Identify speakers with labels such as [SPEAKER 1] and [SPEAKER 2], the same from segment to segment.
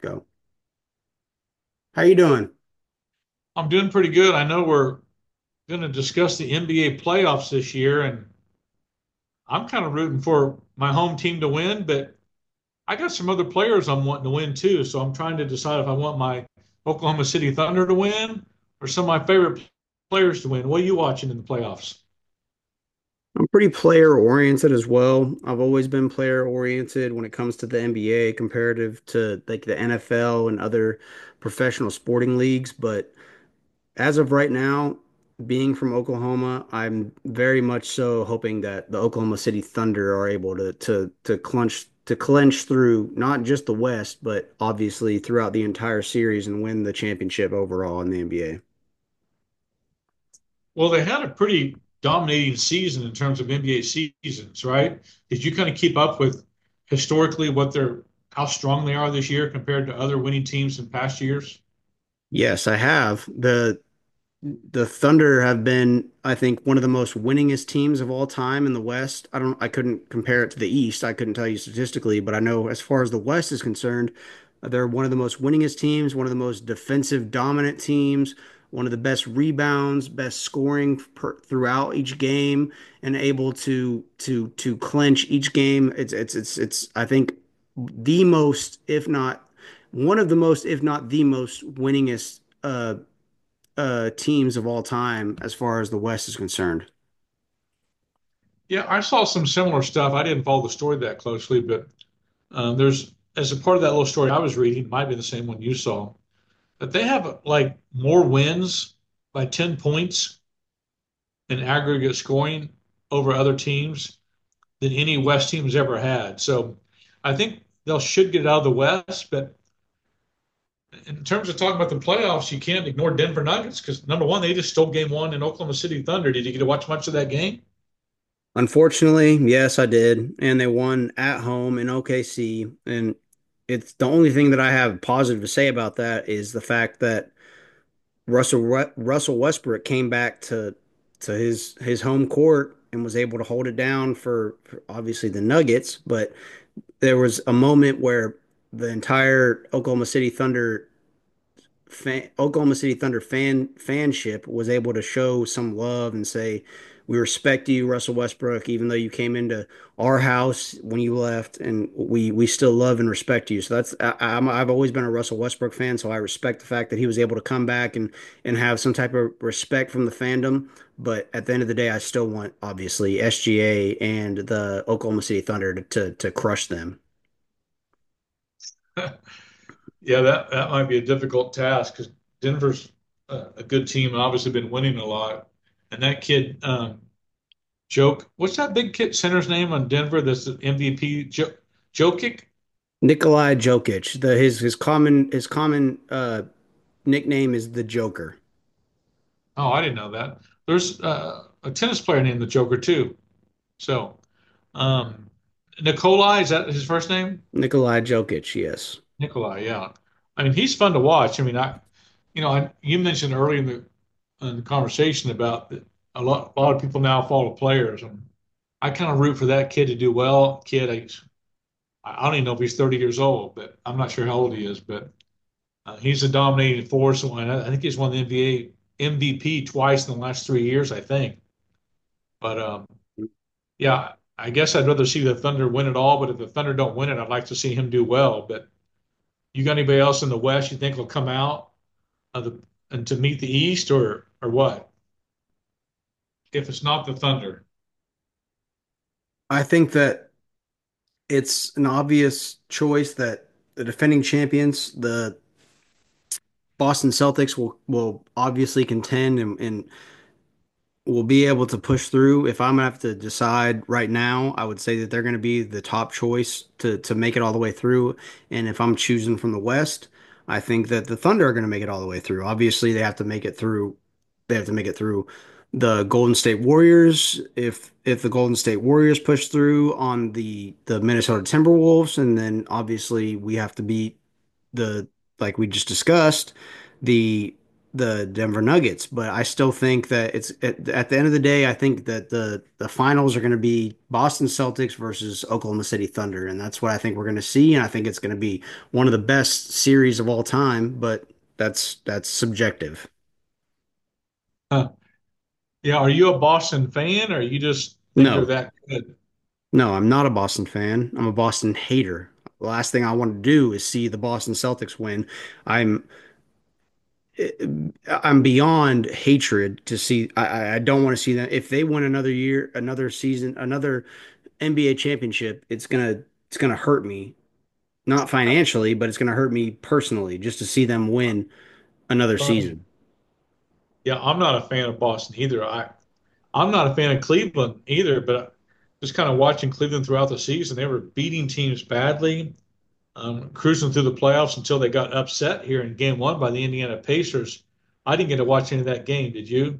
[SPEAKER 1] Go. How you doing?
[SPEAKER 2] I'm doing pretty good. I know we're going to discuss the NBA playoffs this year, and I'm kind of rooting for my home team to win, but I got some other players I'm wanting to win too. So I'm trying to decide if I want my Oklahoma City Thunder to win or some of my favorite players to win. What are you watching in the playoffs?
[SPEAKER 1] I'm pretty player oriented as well. I've always been player oriented when it comes to the NBA comparative to like the NFL and other professional sporting leagues. But as of right now, being from Oklahoma, I'm very much so hoping that the Oklahoma City Thunder are able to clinch through not just the West, but obviously throughout the entire series and win the championship overall in the NBA.
[SPEAKER 2] Well, they had a pretty dominating season in terms of NBA seasons, right? Did you kind of keep up with historically what they're how strong they are this year compared to other winning teams in past years?
[SPEAKER 1] Yes, I have. The Thunder have been, I think, one of the most winningest teams of all time in the West. I couldn't compare it to the East. I couldn't tell you statistically, but I know as far as the West is concerned, they're one of the most winningest teams, one of the most defensive dominant teams, one of the best rebounds, best scoring per, throughout each game, and able to clinch each game. It's I think the most, if not one of the most, if not the most winningest teams of all time as far as the West is concerned.
[SPEAKER 2] Yeah, I saw some similar stuff. I didn't follow the story that closely, but there's as a part of that little story I was reading, it might be the same one you saw, but they have like more wins by 10 points in aggregate scoring over other teams than any West team has ever had. So I think they'll should get out of the West, but in terms of talking about the playoffs, you can't ignore Denver Nuggets because number one, they just stole game one in Oklahoma City Thunder. Did you get to watch much of that game?
[SPEAKER 1] Unfortunately, yes, I did, and they won at home in OKC. And it's the only thing that I have positive to say about that is the fact that Russell Russell Westbrook came back to his home court and was able to hold it down for obviously the Nuggets, but there was a moment where the entire Oklahoma City Thunder fanship was able to show some love and say, "We respect you, Russell Westbrook, even though you came into our house when you left, and we still love and respect you." So I've always been a Russell Westbrook fan, so I respect the fact that he was able to come back and have some type of respect from the fandom. But at the end of the day, I still want obviously SGA and the Oklahoma City Thunder to crush them.
[SPEAKER 2] Yeah, that might be a difficult task because Denver's a good team and obviously been winning a lot. And that kid, Joke, what's that big kid center's name on Denver that's the MVP? Jokic?
[SPEAKER 1] Nikolai Jokic, the his common nickname is the Joker.
[SPEAKER 2] Oh, I didn't know that. There's a tennis player named the Joker too. So, um, Nikolai, is that his first name?
[SPEAKER 1] Nikolai Jokic, yes.
[SPEAKER 2] Nikolai, yeah. I mean, he's fun to watch. I mean, you know, I, you mentioned earlier in in the conversation about that a lot of people now follow players, and I kind of root for that kid to do well. Kid, I don't even know if he's 30 years old, but I'm not sure how old he is. But he's a dominating force, and I think he's won the NBA MVP twice in the last 3 years, I think. But Yeah, I guess I'd rather see the Thunder win it all, but if the Thunder don't win it, I'd like to see him do well. But you got anybody else in the West you think will come out of the and to meet the East or what? If it's not the Thunder.
[SPEAKER 1] I think that it's an obvious choice that the defending champions, the Boston Celtics, will obviously contend and will be able to push through. If I'm gonna have to decide right now, I would say that they're gonna be the top choice to make it all the way through. And if I'm choosing from the West, I think that the Thunder are gonna make it all the way through. Obviously, they have to make it through. They have to make it through the Golden State Warriors. If the Golden State Warriors push through on the Minnesota Timberwolves, and then obviously we have to beat the like we just discussed, the the Denver Nuggets. But I still think that at the end of the day, I think that the finals are going to be Boston Celtics versus Oklahoma City Thunder, and that's what I think we're going to see. And I think it's going to be one of the best series of all time. But that's subjective.
[SPEAKER 2] Huh. Yeah, are you a Boston fan or you just think they're
[SPEAKER 1] No,
[SPEAKER 2] that good?
[SPEAKER 1] no, I'm not a Boston fan. I'm a Boston hater. The last thing I want to do is see the Boston Celtics win. I'm I'm beyond hatred to see. I don't want to see them. If they win another year, another season, another NBA championship, it's gonna hurt me. Not financially, but it's gonna hurt me personally just to see them win another
[SPEAKER 2] Funny.
[SPEAKER 1] season.
[SPEAKER 2] Yeah, I'm not a fan of Boston either. I'm not a fan of Cleveland either, but just kind of watching Cleveland throughout the season, they were beating teams badly cruising through the playoffs until they got upset here in game one by the Indiana Pacers. I didn't get to watch any of that game. Did you?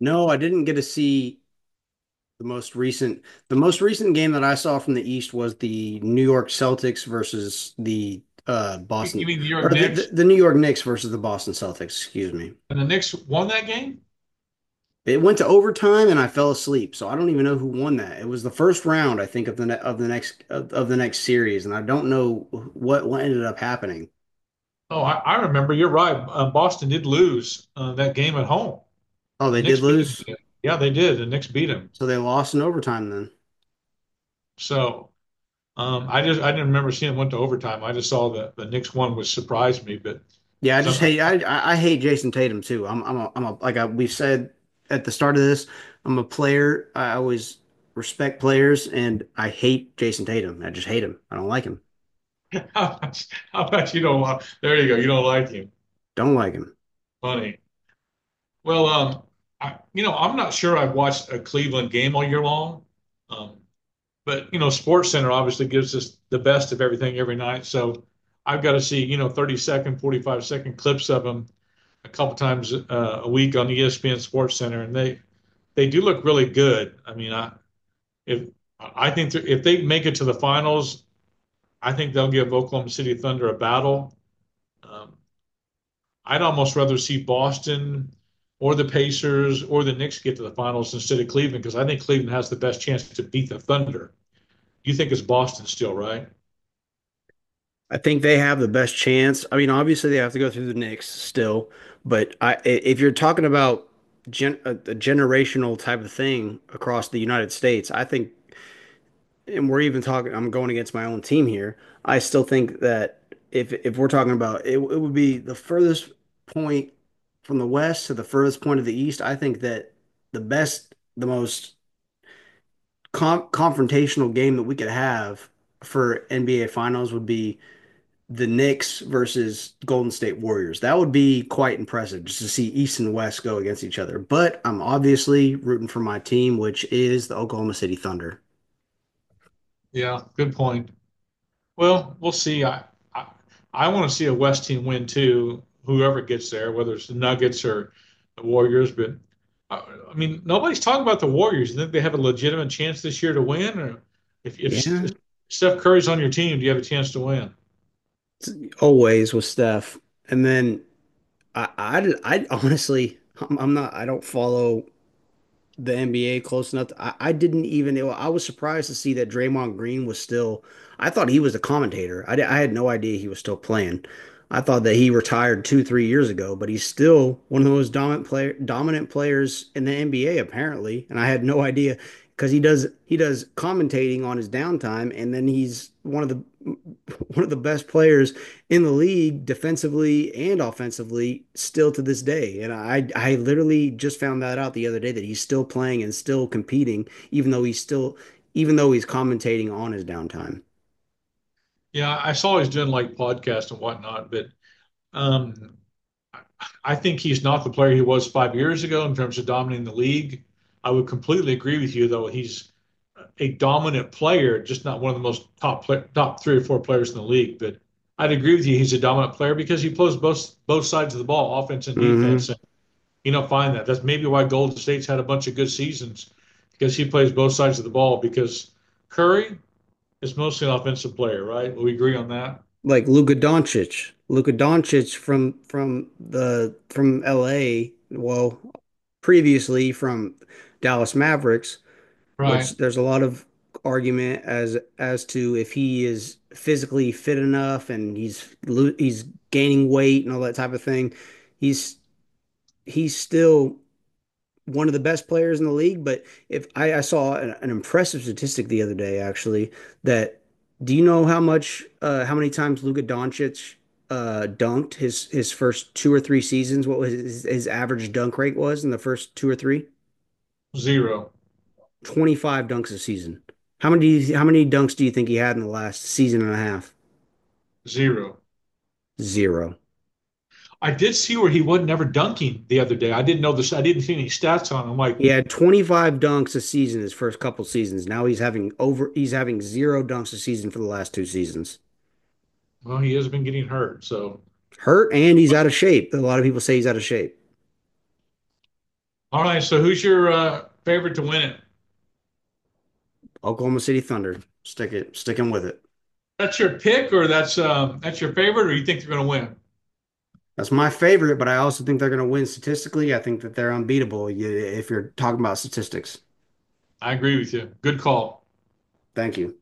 [SPEAKER 1] No, I didn't get to see the most recent. The most recent game that I saw from the East was the New York Celtics versus the
[SPEAKER 2] You
[SPEAKER 1] Boston
[SPEAKER 2] mean the New
[SPEAKER 1] or
[SPEAKER 2] York Knicks?
[SPEAKER 1] the New York Knicks versus the Boston Celtics, excuse me.
[SPEAKER 2] And the Knicks won that game?
[SPEAKER 1] It went to overtime and I fell asleep, so I don't even know who won that. It was the first round, I think, of the ne of the next series, and I don't know what ended up happening.
[SPEAKER 2] Oh, I remember. You're right. Boston did lose that game at home.
[SPEAKER 1] Oh,
[SPEAKER 2] The
[SPEAKER 1] they did
[SPEAKER 2] Knicks beat
[SPEAKER 1] lose,
[SPEAKER 2] them. Yeah, they did. The Knicks beat them.
[SPEAKER 1] so they lost in overtime then.
[SPEAKER 2] So I didn't remember seeing it went to overtime. I just saw the Knicks won, which surprised me. But
[SPEAKER 1] Yeah, I
[SPEAKER 2] because
[SPEAKER 1] just
[SPEAKER 2] I'm
[SPEAKER 1] hate I hate Jason Tatum too. I'm a like I, We said at the start of this, I'm a player. I always respect players, and I hate Jason Tatum. I just hate him. I don't like him.
[SPEAKER 2] how about you don't want? There you go. You don't like him.
[SPEAKER 1] Don't like him.
[SPEAKER 2] Funny. Well, I, you know, I'm not sure I've watched a Cleveland game all year long, um, but you know, Sports Center obviously gives us the best of everything every night. So I've got to see you know 30 second, 45-second clips of them a couple times a week on ESPN Sports Center, and they do look really good. I mean, I if I think if they make it to the finals, I think they'll give Oklahoma City Thunder a battle. Um, I'd almost rather see Boston or the Pacers or the Knicks get to the finals instead of Cleveland because I think Cleveland has the best chance to beat the Thunder. You think it's Boston still, right?
[SPEAKER 1] I think they have the best chance. I mean, obviously they have to go through the Knicks still, but if you're talking about a generational type of thing across the United States, I think, and we're even talking, I'm going against my own team here. I still think that if we're talking about it, it would be the furthest point from the West to the furthest point of the East. I think that the best, the most confrontational game that we could have for NBA Finals would be the Knicks versus Golden State Warriors. That would be quite impressive just to see East and West go against each other. But I'm obviously rooting for my team, which is the Oklahoma City Thunder.
[SPEAKER 2] Yeah, good point. Well, we'll see. I, I want to see a West team win too. Whoever gets there, whether it's the Nuggets or the Warriors, but mean, nobody's talking about the Warriors. You think they have a legitimate chance this year to win, or if
[SPEAKER 1] Yeah,
[SPEAKER 2] Steph Curry's on your team, do you have a chance to win?
[SPEAKER 1] always with Steph. And then I, I honestly, I'm not, I don't follow the NBA close enough. To, I didn't even, it, I was surprised to see that Draymond Green was still, I thought he was a commentator. I had no idea he was still playing. I thought that he retired two, 3 years ago, but he's still one of the most dominant players in the NBA apparently. And I had no idea because he does commentating on his downtime, and then he's one of the, one of the best players in the league defensively and offensively still to this day. And I literally just found that out the other day that he's still playing and still competing, even though he's commentating on his downtime.
[SPEAKER 2] Yeah, I saw he's doing like podcasts and whatnot, but Um, I think he's not the player he was 5 years ago in terms of dominating the league. I would completely agree with you, though. He's a dominant player, just not one of the most top three or four players in the league. But I'd agree with you. He's a dominant player because he plays both sides of the ball, offense and defense.
[SPEAKER 1] hmm
[SPEAKER 2] And you don't find that. That's maybe why Golden State's had a bunch of good seasons because he plays both sides of the ball. Because Curry is mostly an offensive player, right? Will we agree on that?
[SPEAKER 1] Like Luka Doncic from LA, well, previously from Dallas Mavericks, which
[SPEAKER 2] Right.
[SPEAKER 1] there's a lot of argument as to if he is physically fit enough and he's gaining weight and all that type of thing. He's he's still one of the best players in the league, but if I, I saw an impressive statistic the other day, actually, that do you know how many times Luka Doncic dunked his first 2 or 3 seasons, what was his average dunk rate was in the first two or three?
[SPEAKER 2] Zero,
[SPEAKER 1] 25 dunks a season. How many dunks do you think he had in the last season and a half?
[SPEAKER 2] zero.
[SPEAKER 1] Zero.
[SPEAKER 2] I did see where he wasn't ever dunking the other day. I didn't know this. I didn't see any stats on him. I'm Like,
[SPEAKER 1] He had 25 dunks a season his first couple seasons. Now he's having zero dunks a season for the last 2 seasons.
[SPEAKER 2] well, he has been getting hurt. So,
[SPEAKER 1] Hurt, and he's out of shape. A lot of people say he's out of shape.
[SPEAKER 2] all right. So, who's your favorite to win it?
[SPEAKER 1] Oklahoma City Thunder. Stick it. Stick him with it.
[SPEAKER 2] That's your pick, or that's your favorite, or you think they're going to win?
[SPEAKER 1] That's my favorite, but I also think they're going to win statistically. I think that they're unbeatable if you're talking about statistics.
[SPEAKER 2] I agree with you. Good call.
[SPEAKER 1] Thank you.